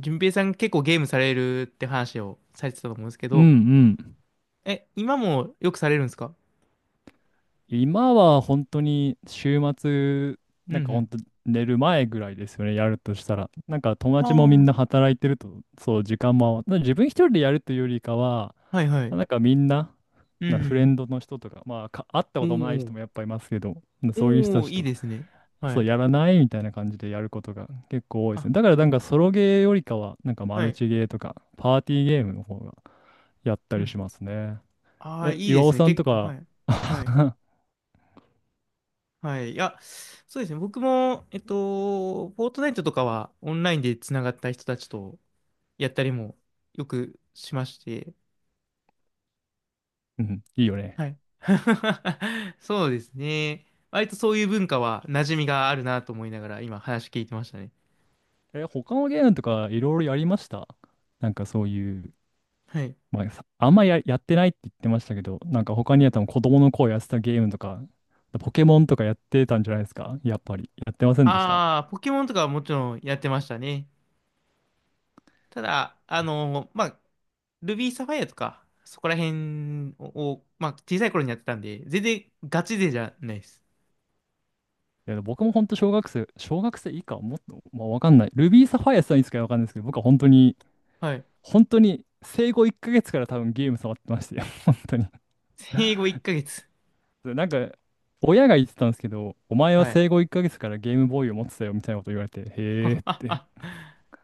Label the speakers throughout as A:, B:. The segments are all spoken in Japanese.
A: 順平さん結構ゲームされるって話をされてたと思うんですけ
B: うん
A: ど、
B: うん。
A: え、今もよくされるんですか。
B: 今は本当に週末、
A: う
B: なんか本
A: ん
B: 当寝る前ぐらいですよね、やるとしたら。なんか友
A: う
B: 達もみ
A: ん。
B: ん
A: あ
B: な働いてると、そう、時間も、な自分一人でやるというよりかは、
A: あ、はいはい。
B: なんかみんな、
A: う
B: フレ
A: ん
B: ンドの人とか、会った
A: う
B: こともない人
A: ん。
B: もやっぱいますけど、
A: お
B: そういう
A: お、
B: 人
A: お
B: た
A: お、
B: ち
A: いい
B: と、
A: ですね。は
B: そう、
A: い。
B: やらないみたいな感じでやることが結構多いです
A: あ、
B: ね。だからなんかソロゲーよりかは、なんかマ
A: は
B: ル
A: い。
B: チゲーとか、パーティーゲームの方がやった
A: う
B: り
A: ん。
B: しますね。
A: ああ、
B: え、
A: いい
B: 岩
A: です
B: 尾
A: ね。
B: さん
A: 結
B: と
A: 構、は
B: か、
A: い。はい。はい。いや、そうですね。僕も、フォートナイトとかはオンラインでつながった人たちとやったりもよくしまして、
B: うん、いいよね。
A: はい。そうですね。割とそういう文化は馴染みがあるなと思いながら今話聞いてましたね。
B: え、他のゲームとかいろいろやりました？なんかそういう、
A: はい。
B: まあ、さあんまや、やってないって言ってましたけど、なんか他にやったの子供の頃やってたゲームとか、ポケモンとかやってたんじゃないですかやっぱり。やってませんでした？
A: ああ、ポケモンとかはもちろんやってましたね。ただ、まあ、ルビーサファイアとか、そこら辺を、まあ、小さい頃にやってたんで、全然ガチ勢じゃないです。
B: いや、僕も本当小学生、小学生以下、もっと、まあ、わかんない。ルビーサファイアさんいつかわかんないですけど、僕は本当に、
A: はい。
B: 本当に生後1ヶ月から多分ゲーム触ってましたよ。本当に。
A: 生後1ヶ月。
B: でなんか、親が言ってたんですけど、お前は
A: はい。
B: 生後1ヶ月からゲームボーイを持ってたよみたいなこと言われて、へえって。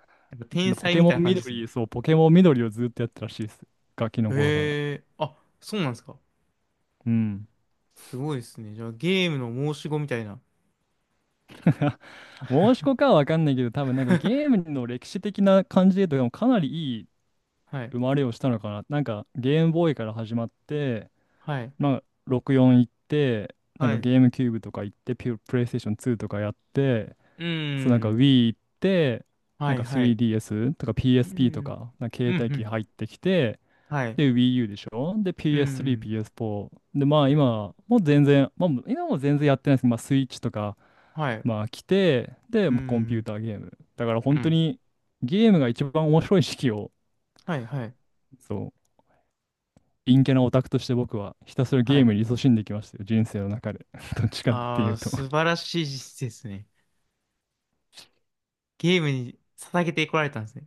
A: なんか天
B: でポ
A: 才
B: ケ
A: みた
B: モ
A: いな
B: ン
A: 感じですね。
B: 緑、そう、ポケモン緑をずっとやってたらしいです。ガキの頃から。
A: へえ、あ、そうなんですか。
B: うん。
A: すごいですね。じゃあゲームの申し子みたいな。
B: 申し子かはわかんないけど、多分なんかゲー ムの歴史的な感じで言うと、でもかなりいい
A: はい。
B: 生まれをしたのかな。なんかゲームボーイから始まって、
A: はい。
B: まあ、64行って、なん
A: は
B: か
A: い。う
B: ゲームキューブとか行って、プレイステーション2とかやって、
A: ー
B: そうなんか
A: ん。
B: Wii 行って、な
A: は
B: ん
A: い
B: か
A: はい。
B: 3DS とか
A: うー
B: PSP と
A: ん。
B: か、なんか
A: う
B: 携
A: んう
B: 帯機
A: ん。
B: 入ってきて、
A: はい。う
B: で、Wii U でしょ、で、
A: ー
B: PS3、
A: ん。
B: PS4。で、まあ
A: うん。
B: 今、もう全然、まあ今も全然やってないですけど、まあスイッチとか、
A: はい。う
B: まあ来て、で、
A: ー
B: もうコンピュー
A: ん。
B: ターゲーム。だから
A: う
B: 本当
A: ん。
B: にゲームが一番面白い時期を、
A: はいはい。
B: そう、陰キャなオタクとして僕はひたすら
A: は
B: ゲーム
A: い。
B: に勤しんできましたよ、人生の中で。どっちかってい
A: ああ、
B: うと
A: 素晴らしいですね。ゲームに捧げてこられたんですね。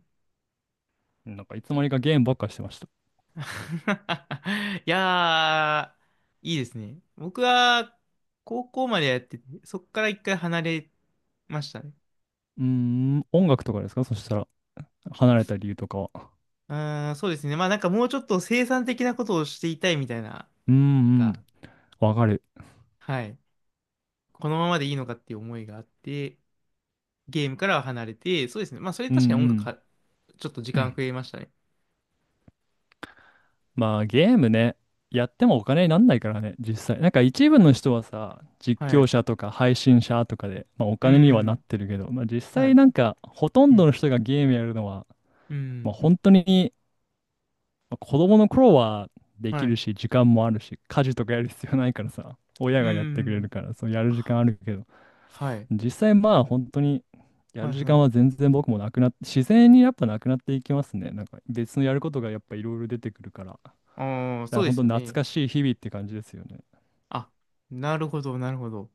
B: なんかいつの間にかゲームばっかしてました。
A: いやー、いいですね。僕は高校までやってて、そっから一回離れましたね。
B: うーん、音楽とかですかそしたら、離れた理由とかは。
A: うーん、そうですね。まあなんかもうちょっと生産的なことをしていたいみたいな、な
B: う
A: ん
B: んうん、
A: か、
B: わかる。
A: はい。このままでいいのかっていう思いがあって、ゲームからは離れて、そうですね。まあ、それ
B: うんう
A: 確かに音楽
B: ん。
A: か、ちょっと時間増えましたね。
B: まあゲームね、やってもお金になんないからね、実際。なんか一部の人はさ、実
A: は
B: 況
A: い。
B: 者とか配信者とかで、まあお
A: う
B: 金にはなっ
A: ん。
B: てるけど、まあ実
A: は
B: 際
A: い。
B: なんかほと
A: う
B: んど
A: ん。
B: の人がゲームやるのは、
A: う
B: まあ
A: ん。
B: 本当に、まあ子供の頃はで
A: は
B: き
A: い。
B: るし、時間もあるし、家事とかやる必要ないからさ、親
A: う
B: がやってくれる
A: ん。
B: から、そうやる時間
A: あ、
B: あるけど、
A: はい。
B: 実際まあ本当にや
A: は
B: る
A: い
B: 時
A: は
B: 間は
A: い。
B: 全然僕もなくなって、自然にやっぱなくなっていきますね。なんか別のやることがやっぱいろいろ出てくるから。だ
A: ああ、
B: か
A: そ
B: ら
A: うで
B: 本
A: す
B: 当
A: よ
B: 懐
A: ね。
B: かしい日々って感じですよね。
A: あ、なるほど、なるほど。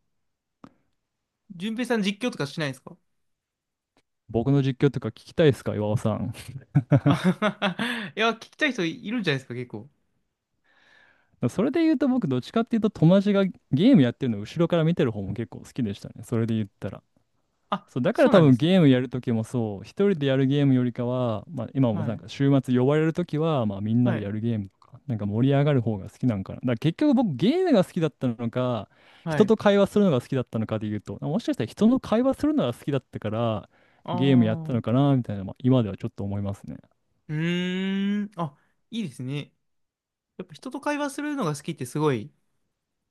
A: 順平さん実況とかしないんですか。
B: 僕の実況とか聞きたいですか、岩尾さん？
A: あははは いや、聞きたい人いるんじゃないですか、結構。
B: それで言うと僕どっちかっていうと友達がゲームやってるのを後ろから見てる方も結構好きでしたね。それで言ったら。
A: あ、
B: そう、だか
A: そ
B: ら
A: う
B: 多
A: なんで
B: 分
A: すね。
B: ゲームやるときもそう、一人でやるゲームよりかは、まあ、今も
A: は
B: なん
A: い。
B: か週末呼ばれるときは、まあ、みんな
A: は
B: でや
A: い。
B: るゲームとか、なんか盛り上がる方が好きなんかな。だから結局僕ゲームが好きだったのか、
A: は
B: 人
A: い。
B: と会話するのが好きだったのかで言うと、もしかしたら人の会話するのが好きだったから、
A: あ
B: ゲームやったのか
A: あ。
B: なみたいな、まあ、今ではちょっと思いますね。
A: うーん。あ、いいですね。やっぱ人と会話するのが好きってすごい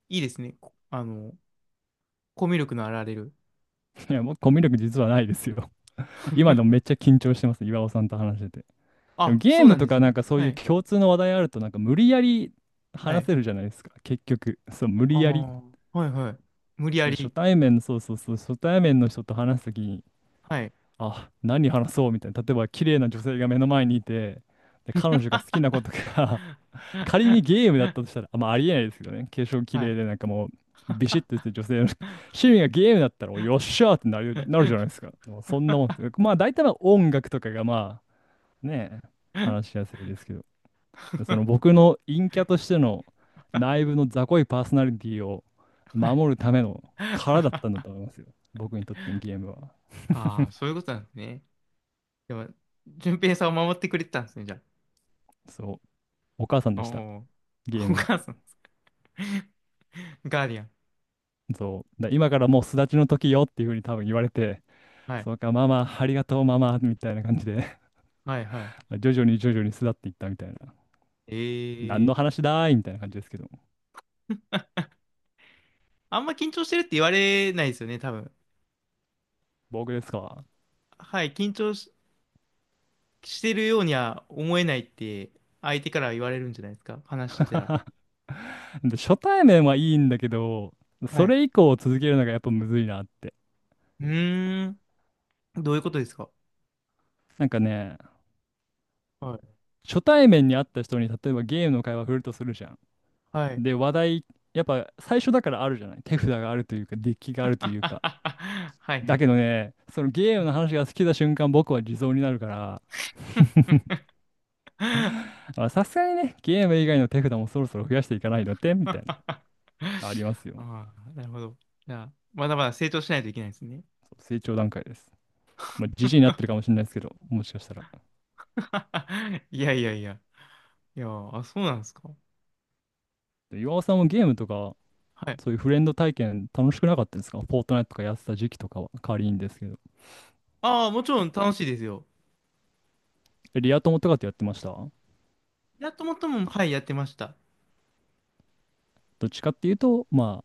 A: いいですね。こあの、コミュ力のあられる。
B: いや、僕コミュ力実はないですよ。今でもめっ ちゃ緊張してます、岩尾さんと話してて。でも
A: あ、
B: ゲー
A: そうな
B: ム
A: ん
B: と
A: です
B: かな
A: ね。
B: んかそう
A: は
B: いう
A: い。
B: 共通の話題あると、なんか無理やり
A: は
B: 話
A: い。
B: せるじゃないですか、結局。そう、無
A: あ
B: 理やり
A: あ、はいはい。無理や
B: 初
A: り。
B: 対面、そうそうそう、初対面の人と話すときに、
A: はい。
B: あ、何話そうみたいな、例えば綺麗な女性が目の前にいて、で、彼女が好きな ことが 仮にゲームだったとしたら、あ、まあ、ありえないですけどね、化粧綺
A: はい。
B: 麗で、なんかもう、ビシッとしてる女性の 趣味がゲームだったら、およっしゃーってなる、なるじゃないです か。もうそんなもんです。まあ、大体は音楽とかが、まあ、ね、話しやすいですけど。でその僕の陰キャとしての内部の雑魚いパーソナリティを守るための殻だったんだと思いますよ。僕にとってのゲームは。
A: ああー、そういうことなんですね。でも、順平さんを守ってくれてたんですね、じゃ
B: そう、お母さん
A: あ。
B: でした、
A: おお、
B: ゲー
A: お
B: ムが。
A: 母さん。ガーディアン。
B: そう、だ今からもう巣立ちの時よっていうふうに多分言われて、
A: はい。
B: そうか、ママ、ありがとう、ママ、みたいな感じで
A: はいはい。
B: 徐々に徐々に巣立っていったみたいな。
A: え
B: 何
A: えー、
B: の話だーいみたいな感じですけど、
A: あんま緊張してるって言われないですよね、多分。
B: 僕ですか？
A: はい、緊張し、してるようには思えないって相手から言われるんじゃないですか、話してたら。
B: で、初対面はいいんだけど、
A: は
B: そ
A: い。
B: れ以降続けるのがやっぱむずいなって。
A: うーん、どういうことですか。
B: なんかね、
A: はい。
B: 初対面に会った人に例えばゲームの会話振るとするじゃん。
A: はい。
B: で、話題、やっぱ最初だからあるじゃない。手札があるというか、デッキがあるというか。
A: はいは
B: だ
A: い。
B: けどね、そのゲームの話が好きな瞬間、僕は地蔵になるから、あさすがにね、ゲーム以外の手札もそろそろ増やしていかないのってみたい
A: あ
B: な、ありますよ。
A: あ、なるほど。じゃあ、まだまだ成長しないといけないですね。
B: 成長段階です。まあ、じじいになってるかもしれないですけど、もしかしたら。
A: いやいやいや。いや、あ、そうなんですか。
B: で岩尾さんもゲームとか、
A: はい。
B: そういうフレンド体験楽しくなかったですか？フォートナイトとかやってた時期とかは、仮にですけど。
A: ああ、もちろん楽しいですよ。
B: えリア友とかってやってました？
A: やっともっとも、はい、やってました。
B: どっちかっていうと、まあ、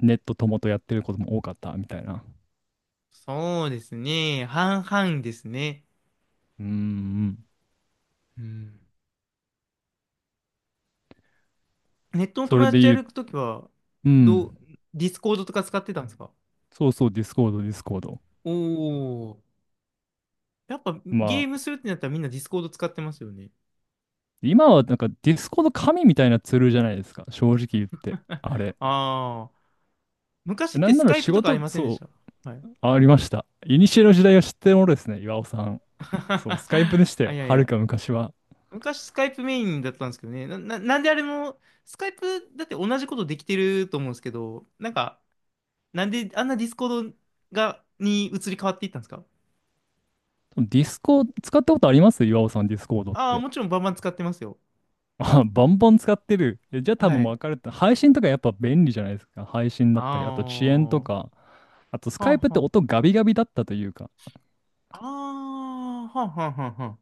B: ネット友とやってることも多かったみたいな。
A: そうですね。半々ですね。
B: うんうん。
A: うん。ネットの
B: そ
A: 友
B: れ
A: 達
B: で
A: とや
B: 言う、
A: るときは、
B: う
A: どう、
B: ん、
A: ディスコードとか使ってたんですか。
B: そうそう、ディスコード、ディスコード。
A: おおー。やっぱゲー
B: ま
A: ム
B: あ、
A: するってなったらみんなディスコード使ってますよね。
B: 今はなんかディスコード神みたいなツールじゃないですか、正直言って。あれ。
A: ああ。昔っ
B: な
A: て
B: ん
A: ス
B: なら
A: カイ
B: 仕
A: プとかあ
B: 事、
A: りませんでし
B: そ
A: た。はい。
B: う、ありました。いにしえの時代を知ってるものですね、岩尾さん。そう、スカイプでし た
A: あ、
B: よ、
A: いやい
B: はる
A: や。
B: か昔は。
A: 昔スカイプメインだったんですけどね。なんであれも、スカイプだって同じことできてると思うんですけど、なんか、なんであんなディスコードが、に移り変わっていったんですか。
B: ディスコ、使ったことあります岩尾さん、ディスコードっ
A: ああー、
B: て？
A: もちろんバンバン使ってますよ。
B: あ、バンバン使ってる。えじゃあ多
A: は
B: 分も
A: い。
B: うるって。配信とかやっぱ便利じゃないですか。配信だったり、あと遅延と
A: ああ。は
B: か。あとス
A: あは
B: カイプっ
A: あ
B: て
A: は
B: 音ガビガビだったというか。
A: あ、あはんはんはんはん。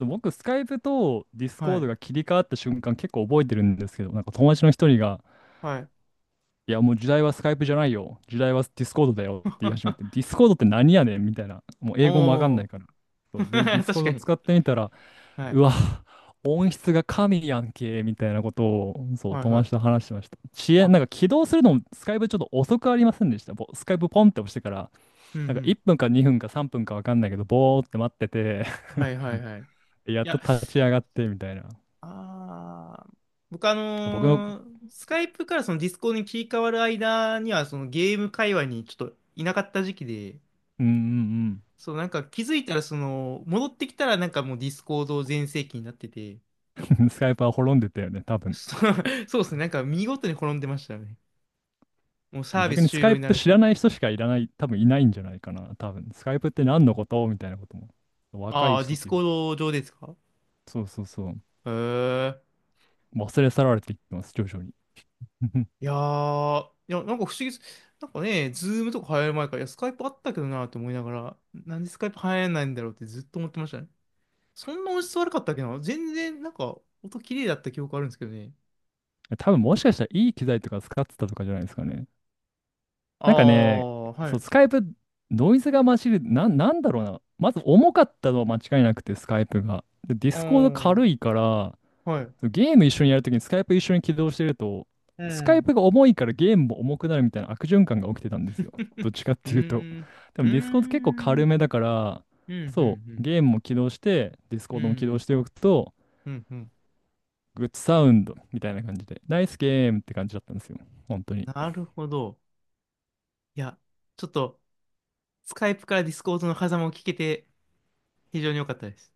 B: 僕、スカイプとディス
A: は
B: コード
A: い、
B: が切り替わった瞬間結構覚えてるんですけど、なんか友達の一人が、
A: はい。
B: いやもう時代はスカイプじゃないよ。時代はディスコードだよって言い始めて、ディ スコードって何やねんみたいな。もう英語もわかん
A: お
B: ない
A: お、
B: から。そうで、ディ スコ
A: 確
B: ー
A: か
B: ド
A: に。
B: 使ってみたら、
A: は
B: う
A: い、
B: わ、音質が神やんけ、みたいなことを、そう、
A: はい、
B: 友
A: は
B: 達と
A: い。
B: 話してました。遅延、
A: あ、
B: なんか起動するのも、スカイプちょっと遅くありませんでした？ぼスカイプポンって押してから、
A: うん、う
B: なんか1
A: ん。
B: 分か2分か3分かわかんないけど、ぼーって待ってて
A: はい、はい、はい。
B: やっ
A: い
B: と
A: や、
B: 立ち上がって、みたいな。
A: あー、僕あ
B: 僕の、
A: のースカイプからそのディスコードに切り替わる間には、そのゲーム界隈にちょっといなかった時期で、
B: うんうん
A: そう、なんか気づいたら、その、戻ってきたらなんかもうディスコード全盛期になってて、
B: うん、スカイプは滅んでたよね、多分。
A: そう、そうですね、なんか見事に転んでましたね。もうサービ
B: 逆
A: ス
B: にス
A: 終
B: カ
A: 了
B: イ
A: にな
B: プ
A: る
B: 知ら
A: し。
B: ない人しかいらない、多分いないんじゃないかな、多分。スカイプって何のことみたいなことも。若
A: あ
B: い
A: あ、デ
B: 人
A: ィ
B: っ
A: ス
B: てい
A: コ
B: う
A: ー
B: か。
A: ド上ですか。
B: そうそうそう。
A: へえ。
B: 忘れ去られていってます、徐々に。
A: いやー、いや、なんか不思議です。なんかね、ズームとか流行る前から、いや、スカイプあったけどなって思いながら、なんでスカイプ流行らないんだろうってずっと思ってましたね。そんな音質悪かったっけな全然、なんか、音綺麗だった記憶あるんですけどね。
B: 多分もしかしたらいい機材とか使ってたとかじゃないですかね。
A: あ
B: なんかね、
A: あ、は
B: そう、
A: い。
B: スカイプ、ノイズが混じる、なんだろうな。まず重かったのは間違いなくて、スカイプが。で、ディスコード
A: あ
B: 軽いから、
A: あ、はい。
B: ゲーム一緒にやるときにスカイプ一緒に起動してると、
A: う
B: スカイ
A: ん。
B: プが重いからゲームも重くなるみたいな悪循環が起きてたんですよ。どっ ちかっ
A: う
B: ていうと。
A: ーん。
B: で
A: う
B: も
A: ー
B: ディスコード結構軽め
A: ん。
B: だから、
A: うん、うん、
B: そ
A: う
B: う、
A: ん。
B: ゲームも起動して、ディスコ
A: う
B: ードも起動
A: ん、
B: しておくと、
A: うん、うん。
B: グッドサウンドみたいな感じで、ナイスゲームって感じだったんですよ。本当に。
A: なるほど。いや、ちょっと、スカイプからディスコードの狭間を聞けて、非常に良かったです。